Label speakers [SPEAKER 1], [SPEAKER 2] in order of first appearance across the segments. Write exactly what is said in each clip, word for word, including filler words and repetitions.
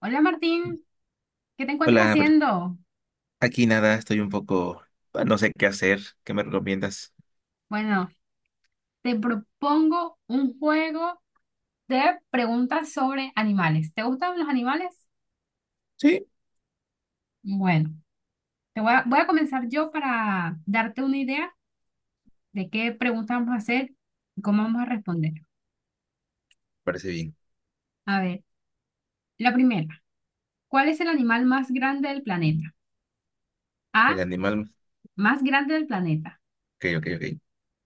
[SPEAKER 1] Hola Martín, ¿qué te encuentras
[SPEAKER 2] Hola, bro.
[SPEAKER 1] haciendo?
[SPEAKER 2] Aquí nada, estoy un poco, ah, no sé qué hacer. ¿Qué me recomiendas?
[SPEAKER 1] Bueno, te propongo un juego de preguntas sobre animales. ¿Te gustan los animales?
[SPEAKER 2] Sí,
[SPEAKER 1] Bueno, te voy a, voy a comenzar yo para darte una idea de qué preguntas vamos a hacer y cómo vamos a responder.
[SPEAKER 2] parece bien.
[SPEAKER 1] A ver, la primera, ¿cuál es el animal más grande del planeta?
[SPEAKER 2] El
[SPEAKER 1] A,
[SPEAKER 2] animal,
[SPEAKER 1] más grande del planeta.
[SPEAKER 2] ok, ok, ok.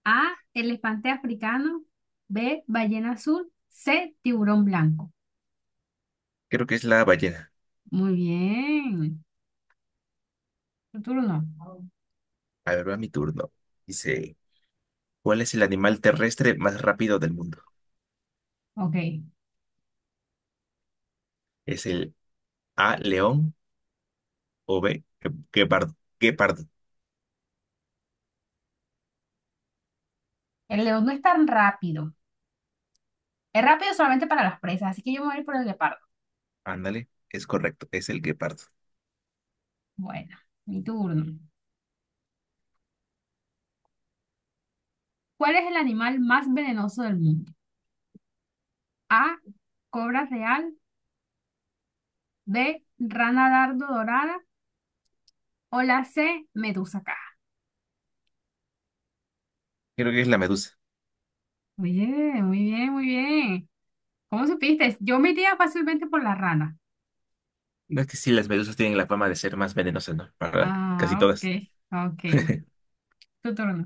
[SPEAKER 1] A, elefante africano. B, ballena azul. C, tiburón blanco.
[SPEAKER 2] Creo que es la ballena.
[SPEAKER 1] Muy bien, tu turno.
[SPEAKER 2] A ver, va mi turno. Dice, ¿cuál es el animal terrestre más rápido del mundo?
[SPEAKER 1] Ok.
[SPEAKER 2] ¿Es el A, león o B, gue- guepardo? Guepardo.
[SPEAKER 1] El león no es tan rápido. Es rápido solamente para las presas, así que yo me voy a ir por el leopardo.
[SPEAKER 2] Ándale, es correcto, es el guepardo.
[SPEAKER 1] Bueno, mi turno. ¿Cuál es el animal más venenoso del mundo? A, cobra real, B, rana dardo dorada o la C, medusa caja.
[SPEAKER 2] Creo que es la medusa.
[SPEAKER 1] Muy bien, muy bien, muy bien. ¿Cómo supiste? Yo me iría fácilmente por la rana.
[SPEAKER 2] No, es que sí, las medusas tienen la fama de ser más venenosas, ¿no? Para casi
[SPEAKER 1] Ah, ok,
[SPEAKER 2] todas.
[SPEAKER 1] ok, bueno. Tu turno.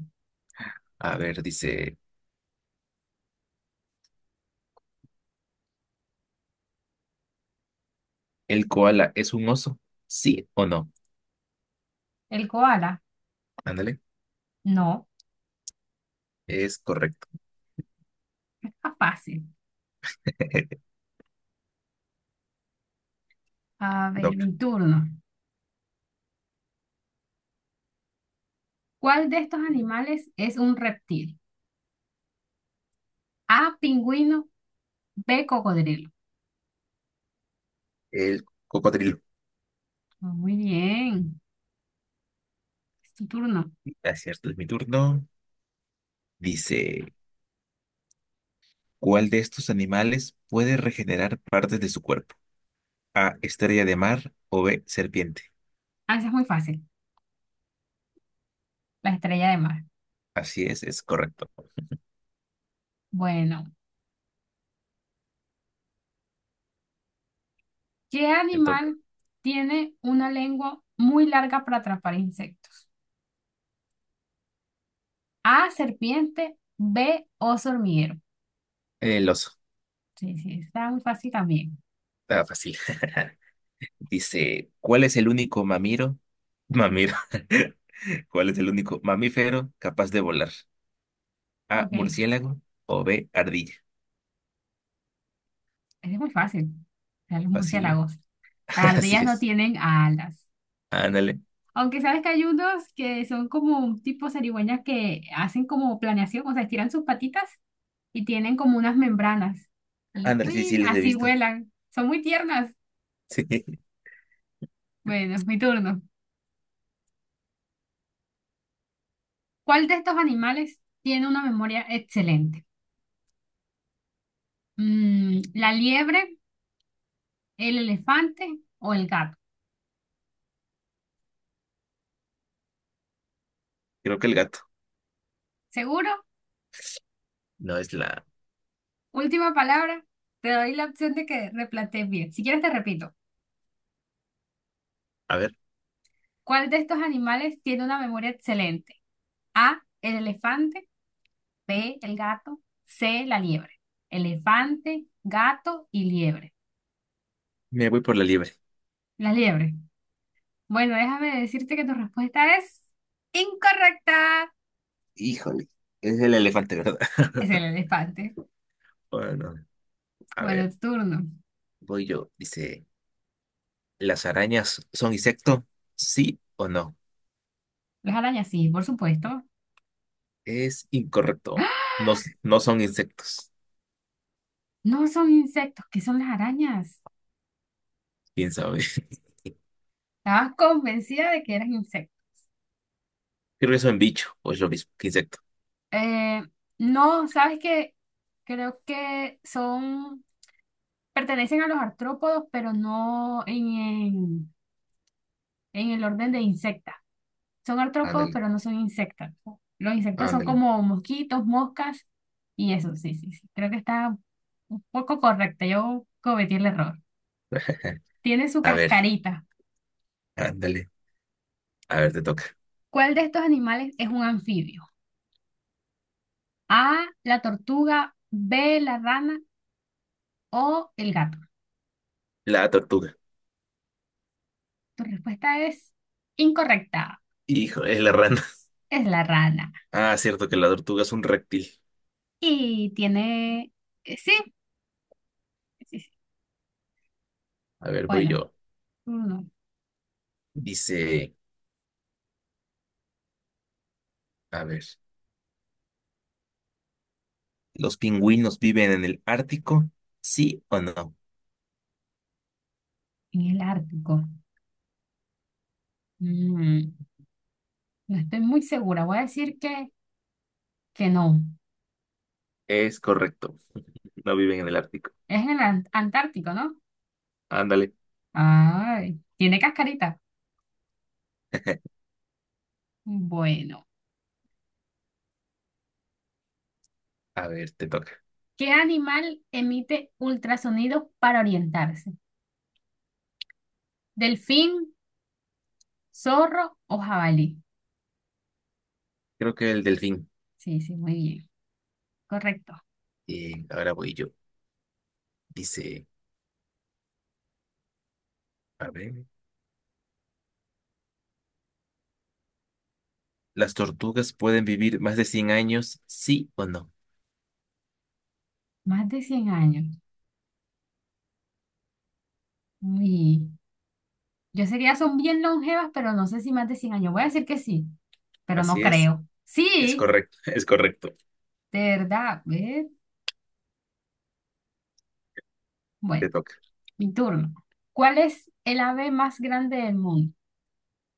[SPEAKER 2] A ver, dice, ¿el koala es un oso? ¿Sí o no?
[SPEAKER 1] ¿El koala?
[SPEAKER 2] Ándale.
[SPEAKER 1] No,
[SPEAKER 2] Es correcto.
[SPEAKER 1] está fácil.
[SPEAKER 2] Te
[SPEAKER 1] A ver,
[SPEAKER 2] toca.
[SPEAKER 1] mi turno. ¿Cuál de estos animales es un reptil? A, pingüino, B, cocodrilo.
[SPEAKER 2] El cocodrilo.
[SPEAKER 1] Ah, muy bien, es tu turno.
[SPEAKER 2] Ah, es cierto, es mi turno. Dice, ¿cuál de estos animales puede regenerar partes de su cuerpo? A, estrella de mar o B, serpiente.
[SPEAKER 1] Ah, esa es muy fácil, la estrella de mar.
[SPEAKER 2] Así es, es correcto.
[SPEAKER 1] Bueno, ¿qué
[SPEAKER 2] Te toca.
[SPEAKER 1] animal tiene una lengua muy larga para atrapar insectos? A, serpiente, B, oso hormiguero.
[SPEAKER 2] El oso.
[SPEAKER 1] Sí, sí, está muy fácil también.
[SPEAKER 2] Está fácil. Dice, ¿cuál es el único mamiro? Mamiro. ¿Cuál es el único mamífero capaz de volar? A,
[SPEAKER 1] Ok, ese
[SPEAKER 2] murciélago o B, ardilla.
[SPEAKER 1] es muy fácil. O sea, los
[SPEAKER 2] Fácil.
[SPEAKER 1] murciélagos. Las
[SPEAKER 2] Así
[SPEAKER 1] ardillas no
[SPEAKER 2] es.
[SPEAKER 1] tienen alas.
[SPEAKER 2] Ándale.
[SPEAKER 1] Aunque sabes que hay unos que son como un tipo zarigüeñas que hacen como planeación, o sea, estiran sus patitas y tienen como unas membranas. Y
[SPEAKER 2] Ándale, sí, sí,
[SPEAKER 1] ¡uin!
[SPEAKER 2] los he
[SPEAKER 1] Así
[SPEAKER 2] visto.
[SPEAKER 1] vuelan. Son muy tiernas.
[SPEAKER 2] Sí,
[SPEAKER 1] Bueno, es mi turno. ¿Cuál de estos animales tiene una memoria excelente? Mm, ¿la liebre, el elefante o el gato?
[SPEAKER 2] creo que el gato.
[SPEAKER 1] ¿Seguro?
[SPEAKER 2] No es la.
[SPEAKER 1] Última palabra. Te doy la opción de que replantees bien. Si quieres, te repito.
[SPEAKER 2] A ver,
[SPEAKER 1] ¿Cuál de estos animales tiene una memoria excelente? A, el elefante. B, el gato, C, la liebre. Elefante, gato y liebre.
[SPEAKER 2] me voy por la liebre.
[SPEAKER 1] La liebre. Bueno, déjame decirte que tu respuesta es incorrecta.
[SPEAKER 2] Híjole, es el elefante, ¿verdad?
[SPEAKER 1] Es el elefante.
[SPEAKER 2] Bueno, a
[SPEAKER 1] Bueno,
[SPEAKER 2] ver,
[SPEAKER 1] tu turno.
[SPEAKER 2] voy yo. Dice, ¿las arañas son insecto? ¿Sí o no?
[SPEAKER 1] Las arañas, sí, por supuesto.
[SPEAKER 2] Es incorrecto.
[SPEAKER 1] ¡Ah!
[SPEAKER 2] No, s- no son insectos.
[SPEAKER 1] No son insectos, ¿qué son las arañas?
[SPEAKER 2] ¿Quién sabe?
[SPEAKER 1] Estabas convencida de que eran insectos.
[SPEAKER 2] Creo que son bicho o es lo mismo que insecto.
[SPEAKER 1] Eh, no, sabes que creo que son, pertenecen a los artrópodos, pero no en, en, en el orden de insectas. Son artrópodos,
[SPEAKER 2] Ándale,
[SPEAKER 1] pero no son insectos. Los insectos son
[SPEAKER 2] ándale.
[SPEAKER 1] como mosquitos, moscas y eso, sí, sí, sí. Creo que está un poco correcta. Yo cometí el error. Tiene su
[SPEAKER 2] A ver,
[SPEAKER 1] cascarita.
[SPEAKER 2] ándale. A ver, te toca.
[SPEAKER 1] ¿Cuál de estos animales es un anfibio? A, la tortuga, B, la rana o el gato.
[SPEAKER 2] La tortuga.
[SPEAKER 1] Tu respuesta es incorrecta.
[SPEAKER 2] Hijo, es la rana.
[SPEAKER 1] Es la rana.
[SPEAKER 2] Ah, cierto que la tortuga es un reptil.
[SPEAKER 1] Y tiene... eh, sí, sí, sí.
[SPEAKER 2] A ver, voy
[SPEAKER 1] Bueno,
[SPEAKER 2] yo.
[SPEAKER 1] uno
[SPEAKER 2] Dice, a ver. ¿Los pingüinos viven en el Ártico? ¿Sí o no?
[SPEAKER 1] en el Ártico. Mm, no estoy muy segura. Voy a decir que Que no.
[SPEAKER 2] Es correcto, no viven en el Ártico.
[SPEAKER 1] Es en el Ant- Antártico, ¿no?
[SPEAKER 2] Ándale,
[SPEAKER 1] Ay, tiene cascarita. Bueno,
[SPEAKER 2] a ver, te toca.
[SPEAKER 1] ¿qué animal emite ultrasonidos para orientarse? ¿Delfín, zorro o jabalí?
[SPEAKER 2] Creo que el delfín.
[SPEAKER 1] Sí, sí, muy bien. Correcto.
[SPEAKER 2] Bien, ahora voy yo. Dice, a ver, ¿las tortugas pueden vivir más de cien años? ¿Sí o no?
[SPEAKER 1] Más de cien años. Uy, yo sé que ya son bien longevas, pero no sé si más de cien años. Voy a decir que sí, pero no
[SPEAKER 2] Así es,
[SPEAKER 1] creo.
[SPEAKER 2] es
[SPEAKER 1] Sí,
[SPEAKER 2] correcto, es correcto,
[SPEAKER 1] de verdad. ¿Ves?
[SPEAKER 2] te
[SPEAKER 1] Bueno,
[SPEAKER 2] toca.
[SPEAKER 1] mi turno. ¿Cuál es el ave más grande del mundo?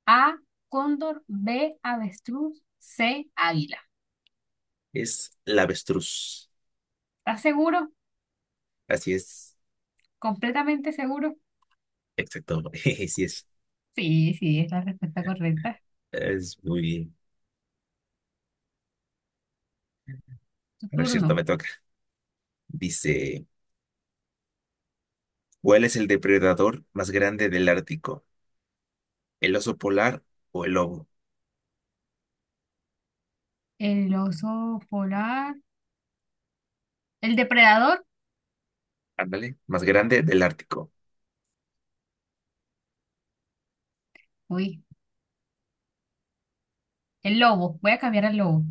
[SPEAKER 1] A, cóndor, B, avestruz, C, águila.
[SPEAKER 2] Es la avestruz.
[SPEAKER 1] ¿Estás seguro?
[SPEAKER 2] Así es.
[SPEAKER 1] ¿Completamente seguro?
[SPEAKER 2] Exacto. Sí es.
[SPEAKER 1] Sí, sí, es la respuesta correcta.
[SPEAKER 2] Es muy bien.
[SPEAKER 1] Tu
[SPEAKER 2] A ver, cierto,
[SPEAKER 1] turno.
[SPEAKER 2] me toca. Dice, ¿cuál es el depredador más grande del Ártico? ¿El oso polar o el lobo?
[SPEAKER 1] El oso polar. ¿El depredador?
[SPEAKER 2] Ándale, más grande del Ártico.
[SPEAKER 1] Uy, el lobo. Voy a cambiar al lobo.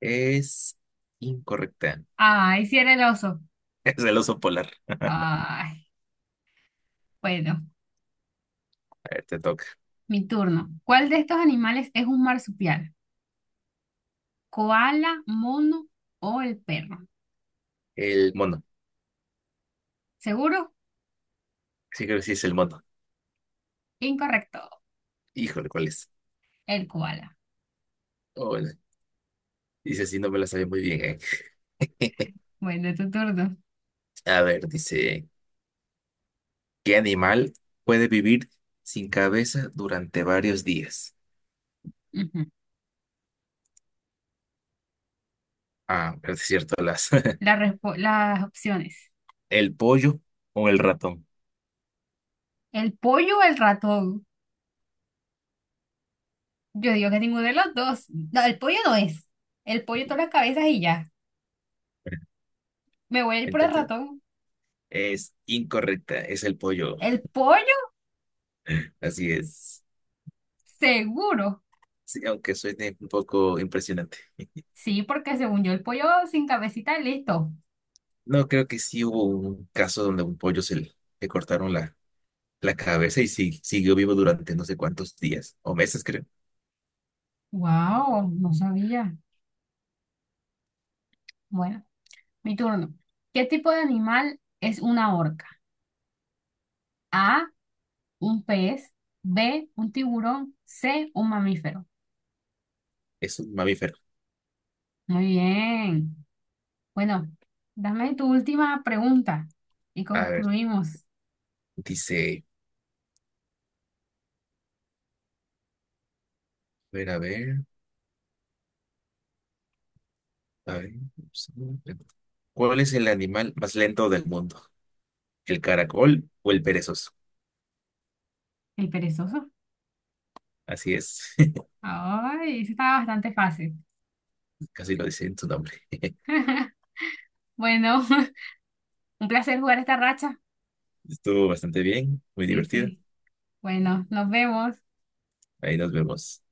[SPEAKER 2] Es incorrecta.
[SPEAKER 1] Ay, sí era el oso.
[SPEAKER 2] Es el oso polar.
[SPEAKER 1] Ay, bueno,
[SPEAKER 2] A ver, te toca.
[SPEAKER 1] mi turno. ¿Cuál de estos animales es un marsupial? ¿Koala, mono o el perro?
[SPEAKER 2] El mono.
[SPEAKER 1] ¿Seguro?
[SPEAKER 2] Sí, creo que sí es el mono.
[SPEAKER 1] Incorrecto.
[SPEAKER 2] Híjole, ¿cuál es?
[SPEAKER 1] El koala.
[SPEAKER 2] Oh, bueno. Dice así, no me la sabía muy bien, ¿eh?
[SPEAKER 1] Bueno, tu turno.
[SPEAKER 2] A ver, dice, ¿qué animal puede vivir sin cabeza durante varios días?
[SPEAKER 1] Ujú.
[SPEAKER 2] Ah, pero sí es cierto, las.
[SPEAKER 1] La respo- las opciones.
[SPEAKER 2] ¿El pollo o el ratón?
[SPEAKER 1] ¿El pollo o el ratón? Yo digo que ninguno de los dos. No, el pollo no es. El pollo todas las cabezas y ya. Me voy a ir por el
[SPEAKER 2] Entonces,
[SPEAKER 1] ratón.
[SPEAKER 2] es incorrecta, es el pollo.
[SPEAKER 1] ¿El pollo?
[SPEAKER 2] Así es.
[SPEAKER 1] Seguro.
[SPEAKER 2] Sí, aunque suene un poco impresionante.
[SPEAKER 1] Sí, porque según yo, el pollo sin cabecita, listo.
[SPEAKER 2] No, creo que sí hubo un caso donde a un pollo se le, le cortaron la, la cabeza y sí, siguió vivo durante no sé cuántos días o meses, creo.
[SPEAKER 1] Wow, no sabía. Bueno, mi turno. ¿Qué tipo de animal es una orca? A, un pez. B, un tiburón. C, un mamífero.
[SPEAKER 2] Es un mamífero.
[SPEAKER 1] Muy bien. Bueno, dame tu última pregunta y
[SPEAKER 2] A ver,
[SPEAKER 1] concluimos.
[SPEAKER 2] dice, a ver, a ver, a ver. ¿Cuál es el animal más lento del mundo? ¿El caracol o el perezoso?
[SPEAKER 1] El perezoso.
[SPEAKER 2] Así es,
[SPEAKER 1] Ay, eso estaba bastante fácil.
[SPEAKER 2] casi lo dice en su nombre.
[SPEAKER 1] Bueno, un placer jugar esta racha.
[SPEAKER 2] Estuvo bastante bien, muy
[SPEAKER 1] Sí,
[SPEAKER 2] divertido.
[SPEAKER 1] sí. Bueno, nos vemos.
[SPEAKER 2] Ahí nos vemos.